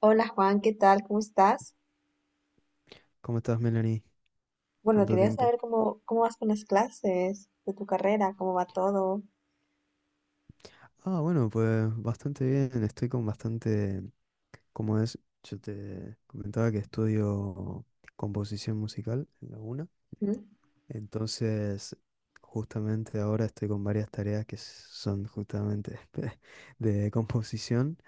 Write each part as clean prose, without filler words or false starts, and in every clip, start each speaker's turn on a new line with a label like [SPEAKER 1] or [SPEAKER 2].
[SPEAKER 1] Hola Juan, ¿qué tal? ¿Cómo estás?
[SPEAKER 2] ¿Cómo estás, Melanie?
[SPEAKER 1] Bueno,
[SPEAKER 2] Tanto
[SPEAKER 1] quería
[SPEAKER 2] tiempo.
[SPEAKER 1] saber cómo vas con las clases de tu carrera, cómo va todo.
[SPEAKER 2] Bueno, pues bastante bien. Estoy con bastante, como es, yo te comentaba que estudio composición musical en la UNA.
[SPEAKER 1] ¿Mm?
[SPEAKER 2] Entonces, justamente ahora estoy con varias tareas que son justamente de composición.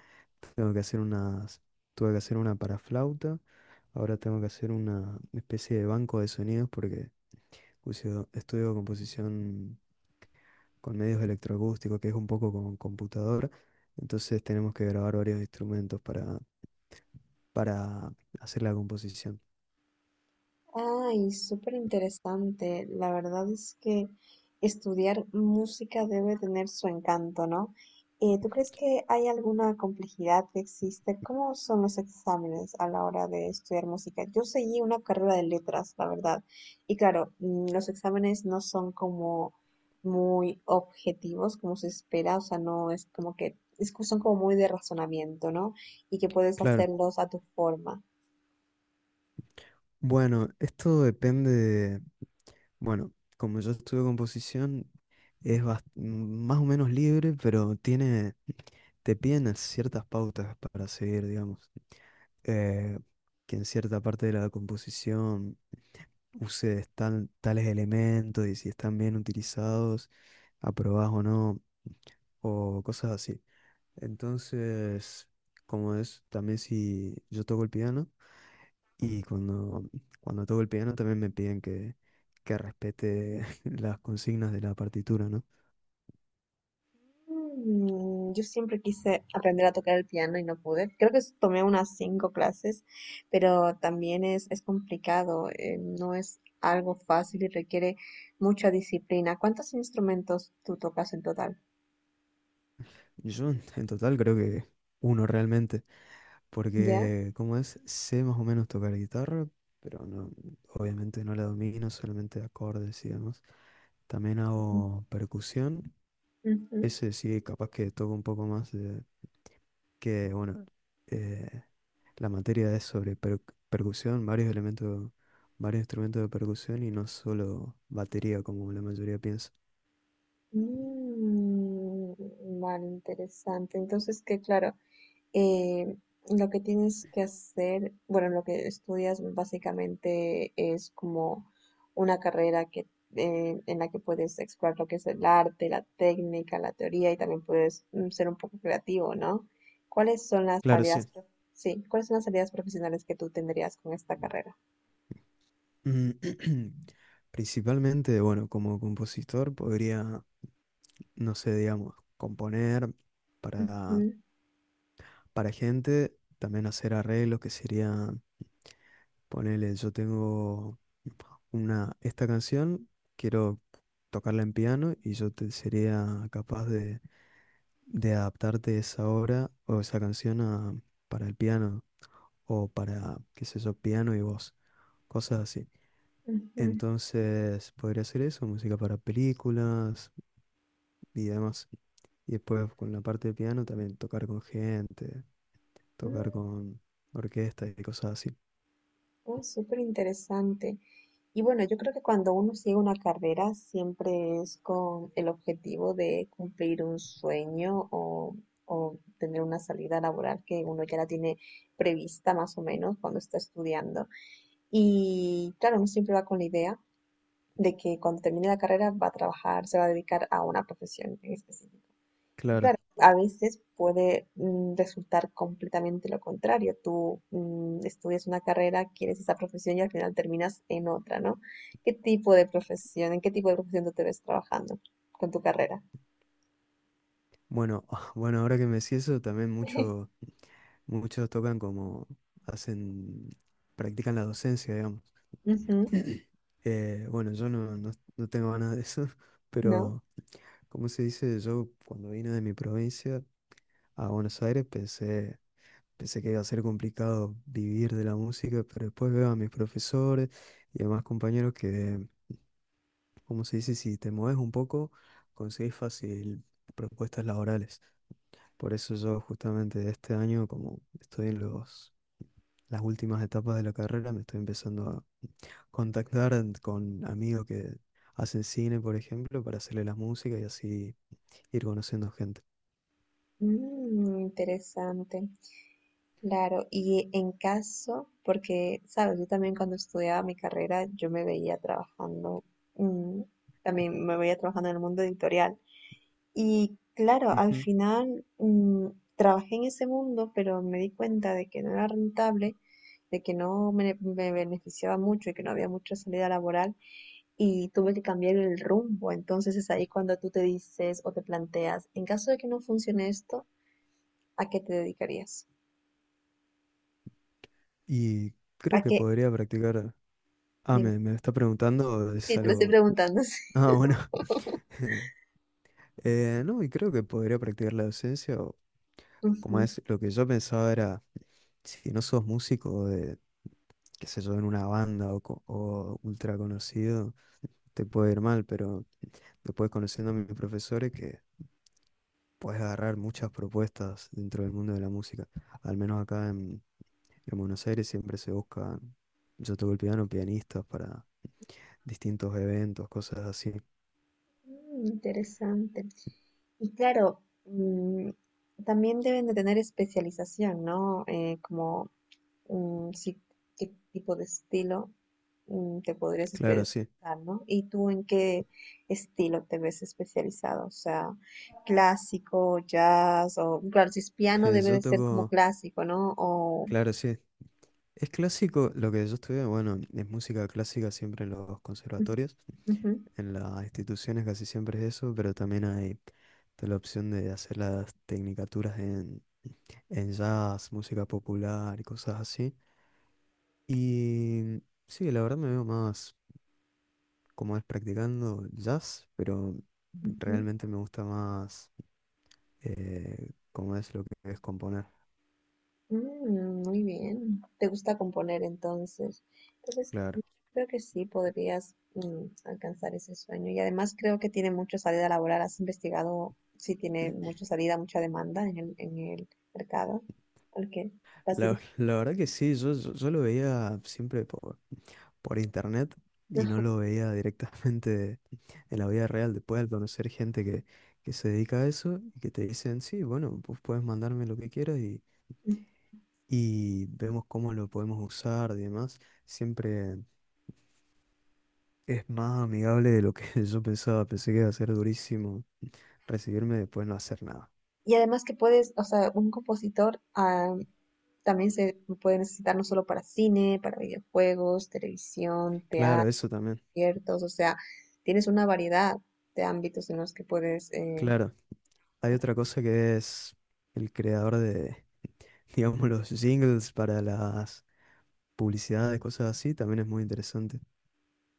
[SPEAKER 2] Tengo que hacer unas, Tuve que hacer una para flauta. Ahora tengo que hacer una especie de banco de sonidos porque estudio composición con medios electroacústicos, que es un poco con computadora. Entonces tenemos que grabar varios instrumentos para hacer la composición.
[SPEAKER 1] Ay, súper interesante. La verdad es que estudiar música debe tener su encanto, ¿no? ¿Tú crees que hay alguna complejidad que existe? ¿Cómo son los exámenes a la hora de estudiar música? Yo seguí una carrera de letras, la verdad. Y claro, los exámenes no son como muy objetivos, como se espera, o sea, no es como que es que son como muy de razonamiento, ¿no? Y que puedes
[SPEAKER 2] Claro.
[SPEAKER 1] hacerlos a tu forma.
[SPEAKER 2] Bueno, esto depende de... Bueno, como yo estudio composición, es más o menos libre, pero te piden ciertas pautas para seguir, digamos. Eh, que en cierta parte de la composición uses tales elementos y si están bien utilizados, aprobás o no, o cosas así. Entonces, como es, también si yo toco el piano y cuando toco el piano también me piden que respete las consignas de la partitura, ¿no?
[SPEAKER 1] Mm. Yo siempre quise aprender a tocar el piano y no pude. Creo que tomé unas cinco clases, pero también es complicado, no es algo fácil y requiere mucha disciplina. ¿Cuántos instrumentos tú tocas en total?
[SPEAKER 2] Yo en total creo que uno realmente,
[SPEAKER 1] ¿Ya?
[SPEAKER 2] porque como es, sé más o menos tocar guitarra, pero obviamente no la domino, solamente acordes y demás. También
[SPEAKER 1] Ujú,
[SPEAKER 2] hago percusión,
[SPEAKER 1] ujú.
[SPEAKER 2] ese sí, capaz que toco un poco más de que, bueno, eh, la materia es sobre percusión, varios elementos, varios instrumentos de percusión y no solo batería como la mayoría piensa.
[SPEAKER 1] Mm, vale, interesante. Entonces, que claro, eh, lo que tienes que hacer, bueno, lo que estudias básicamente es como una carrera en la que puedes explorar lo que es el arte, la técnica, la teoría y también puedes, ser un poco creativo, ¿no? ¿Cuáles son las
[SPEAKER 2] Claro,
[SPEAKER 1] salidas,
[SPEAKER 2] sí.
[SPEAKER 1] sí, cuáles son las salidas profesionales que tú tendrías con esta carrera?
[SPEAKER 2] Mm. Principalmente, bueno, como compositor podría, no sé, digamos, componer
[SPEAKER 1] Ujú,
[SPEAKER 2] para, para gente, también hacer arreglos que serían, ponele, yo tengo esta canción, quiero tocarla en piano y yo te sería capaz de adaptarte esa obra o esa canción para el piano o para, qué sé yo, piano y voz, cosas así.
[SPEAKER 1] ujú.
[SPEAKER 2] Entonces podría hacer eso, música para películas y demás. Y después con la parte de piano también tocar con gente, tocar con orquesta y cosas así.
[SPEAKER 1] Uy, súper interesante. Y bueno, yo creo que cuando uno sigue una carrera siempre es con el objetivo de cumplir un sueño, o tener una salida laboral que uno ya la tiene prevista más o menos cuando está estudiando. Y claro, uno siempre va con la idea de que cuando termine la carrera va a trabajar, se va a dedicar a una profesión en específico.
[SPEAKER 2] Claro.
[SPEAKER 1] Claro, a veces puede, resultar completamente lo contrario. Tú, estudias una carrera, quieres esa profesión y al final terminas en otra, ¿no? ¿Qué tipo de profesión, en qué tipo de profesión tú te ves trabajando con tu carrera?
[SPEAKER 2] Bueno, bueno, ahora que me decís eso, muchos tocan como hacen, practican la docencia, digamos.
[SPEAKER 1] Ujú.
[SPEAKER 2] Bueno, yo no, no, no tengo ganas de eso,
[SPEAKER 1] ¿No?
[SPEAKER 2] pero ¿cómo se dice? Yo cuando vine de mi provincia a Buenos Aires pensé que iba a ser complicado vivir de la música, pero después veo a mis profesores y demás compañeros que, ¿cómo se dice? Si te mueves un poco, conseguís fácil propuestas laborales. Por eso yo justamente este año, como estoy en las últimas etapas de la carrera, me estoy empezando a contactar con amigos que hacen cine, por ejemplo, para hacerle las músicas y así ir conociendo gente.
[SPEAKER 1] Mm, interesante. Claro, y en caso, porque, sabes, yo también cuando estudiaba mi carrera, yo me veía trabajando, mm, también me veía trabajando en el mundo editorial. Y claro, al final, trabajé en ese mundo, pero me di cuenta de que no era rentable, de que no me beneficiaba mucho y que no había mucha salida laboral y tuve que cambiar el rumbo. Entonces es ahí cuando tú te dices o te planteas, en caso de que no funcione esto, ¿a qué te dedicarías?
[SPEAKER 2] Y creo
[SPEAKER 1] ¿A
[SPEAKER 2] que
[SPEAKER 1] qué?
[SPEAKER 2] podría practicar.
[SPEAKER 1] Dime.
[SPEAKER 2] Me está preguntando, es
[SPEAKER 1] Sí, te lo estoy
[SPEAKER 2] algo.
[SPEAKER 1] preguntando. Sí.
[SPEAKER 2] Ah, bueno. No, y creo que podría practicar la docencia. O como
[SPEAKER 1] Ujú.
[SPEAKER 2] es, lo que yo pensaba era, si no sos músico de, qué sé yo, en una banda o, o ultra conocido, te puede ir mal, pero después conociendo a mis profesores que puedes agarrar muchas propuestas dentro del mundo de la música. Al menos en Buenos Aires siempre se buscan, yo toco el piano, pianistas para distintos eventos, cosas así.
[SPEAKER 1] Mm, interesante. Y claro, también deben de tener especialización, ¿no? Como, sí, qué tipo de estilo, te podrías
[SPEAKER 2] Claro, sí.
[SPEAKER 1] especializar, ¿no? ¿Y tú en qué estilo te ves especializado? O sea, clásico, jazz, o claro, si es piano debe
[SPEAKER 2] Yo
[SPEAKER 1] de ser como
[SPEAKER 2] toco,
[SPEAKER 1] clásico, ¿no? O,
[SPEAKER 2] claro, sí. Es clásico, lo que yo estudié, bueno, es música clásica siempre en los conservatorios,
[SPEAKER 1] ujú,
[SPEAKER 2] en las instituciones casi siempre es eso, pero también hay está la opción de hacer las tecnicaturas en jazz, música popular y cosas así. Y sí, la verdad me veo más como es practicando jazz, pero
[SPEAKER 1] ujú.
[SPEAKER 2] realmente me gusta más como es lo que es componer.
[SPEAKER 1] Mm, muy bien. ¿Te gusta componer entonces? Entonces, yo
[SPEAKER 2] Claro.
[SPEAKER 1] creo que sí podrías, alcanzar ese sueño. Y además creo que tiene mucha salida laboral. ¿Has investigado si tiene mucha salida, mucha demanda en en el mercado al que vas
[SPEAKER 2] La,
[SPEAKER 1] dirigido?
[SPEAKER 2] la verdad que sí, yo lo veía siempre por internet y no
[SPEAKER 1] Ajá.
[SPEAKER 2] lo veía directamente en la vida real. Después al conocer gente que se dedica a eso y que te dicen, sí, bueno, pues puedes mandarme lo que quieras y vemos cómo lo podemos usar y demás, siempre es más amigable de lo que yo pensaba. Pensé que iba a ser durísimo recibirme y después no hacer nada.
[SPEAKER 1] Y además que puedes, o sea, un compositor, también se puede necesitar no solo para cine, para videojuegos, televisión,
[SPEAKER 2] Claro,
[SPEAKER 1] teatro,
[SPEAKER 2] eso también.
[SPEAKER 1] conciertos, o sea, tienes una variedad de ámbitos en los que puedes.
[SPEAKER 2] Claro, hay otra cosa que es el creador de, digamos, los jingles para las publicidades, cosas así, también es muy interesante.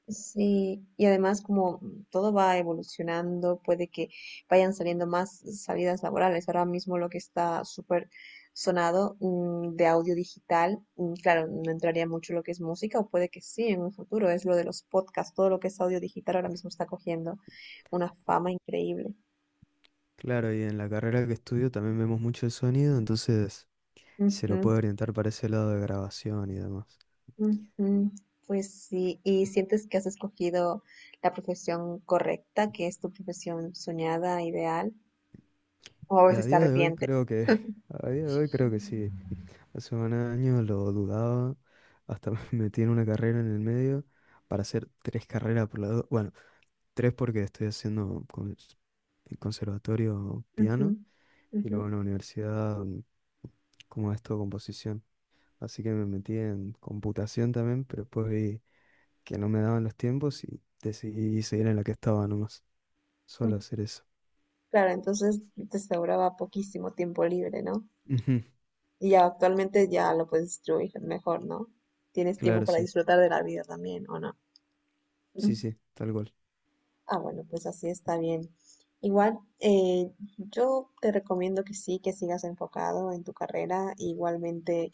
[SPEAKER 1] Sí, y además como todo va evolucionando, puede que vayan saliendo más salidas laborales. Ahora mismo lo que está súper sonado, de audio digital, mm, claro, no entraría mucho lo que es música, o puede que sí en un futuro, es lo de los podcasts, todo lo que es audio digital ahora mismo está cogiendo una fama increíble.
[SPEAKER 2] Claro, y en la carrera que estudio también vemos mucho el sonido, entonces se lo
[SPEAKER 1] Ujú,
[SPEAKER 2] puede orientar para ese lado de grabación y demás.
[SPEAKER 1] ujú. Pues sí, ¿y sientes que has escogido la profesión correcta, que es tu profesión soñada, ideal, o a
[SPEAKER 2] Y a
[SPEAKER 1] veces te
[SPEAKER 2] día de hoy
[SPEAKER 1] arrepientes?
[SPEAKER 2] a día de hoy creo que sí. Hace un año lo dudaba, hasta me metí en una carrera en el medio para hacer tres carreras por lado. Bueno, tres porque estoy haciendo en conservatorio
[SPEAKER 1] Ujú,
[SPEAKER 2] piano y
[SPEAKER 1] ujú.
[SPEAKER 2] luego en la universidad como esto composición. Así que me metí en computación también, pero después vi que no me daban los tiempos y decidí seguir en la que estaba nomás.
[SPEAKER 1] Mm,
[SPEAKER 2] Solo hacer eso.
[SPEAKER 1] claro, entonces te sobraba poquísimo tiempo libre, ¿no?
[SPEAKER 2] Ujú.
[SPEAKER 1] Y ya actualmente ya lo puedes distribuir mejor, ¿no? Tienes tiempo
[SPEAKER 2] Claro,
[SPEAKER 1] para
[SPEAKER 2] sí.
[SPEAKER 1] disfrutar de la vida también, ¿o no? Mm.
[SPEAKER 2] Sí, sí, tal cual.
[SPEAKER 1] Ah, bueno, pues así está bien. Igual, yo te recomiendo que sí, que sigas enfocado en tu carrera. Igualmente,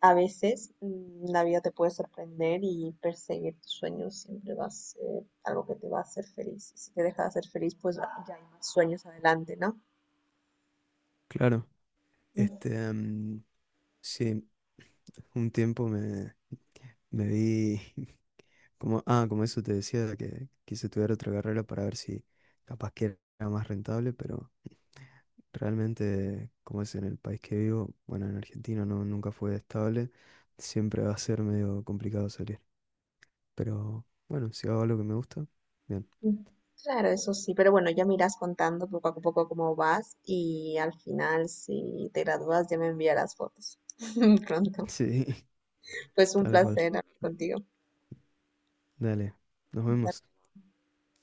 [SPEAKER 1] a veces, la vida te puede sorprender y perseguir tus sueños siempre va a ser algo que te va a hacer feliz. Y si te deja de hacer feliz, pues ya hay más sueños adelante, ¿no?
[SPEAKER 2] Claro, este, sí, un tiempo me, me vi, como, ah, como eso te decía, que quise estudiar otra carrera para ver si capaz que era más rentable, pero realmente, como es en el país que vivo, bueno, en Argentina nunca fue estable, siempre va a ser medio complicado salir. Pero bueno, si hago lo que me gusta, bien.
[SPEAKER 1] Ujú. Claro, eso sí, pero bueno, ya me irás contando poco a poco cómo vas y al final, si te gradúas, ya me enviarás fotos pronto.
[SPEAKER 2] Sí,
[SPEAKER 1] Pues un
[SPEAKER 2] tal cual.
[SPEAKER 1] placer hablar contigo.
[SPEAKER 2] Dale, nos vemos.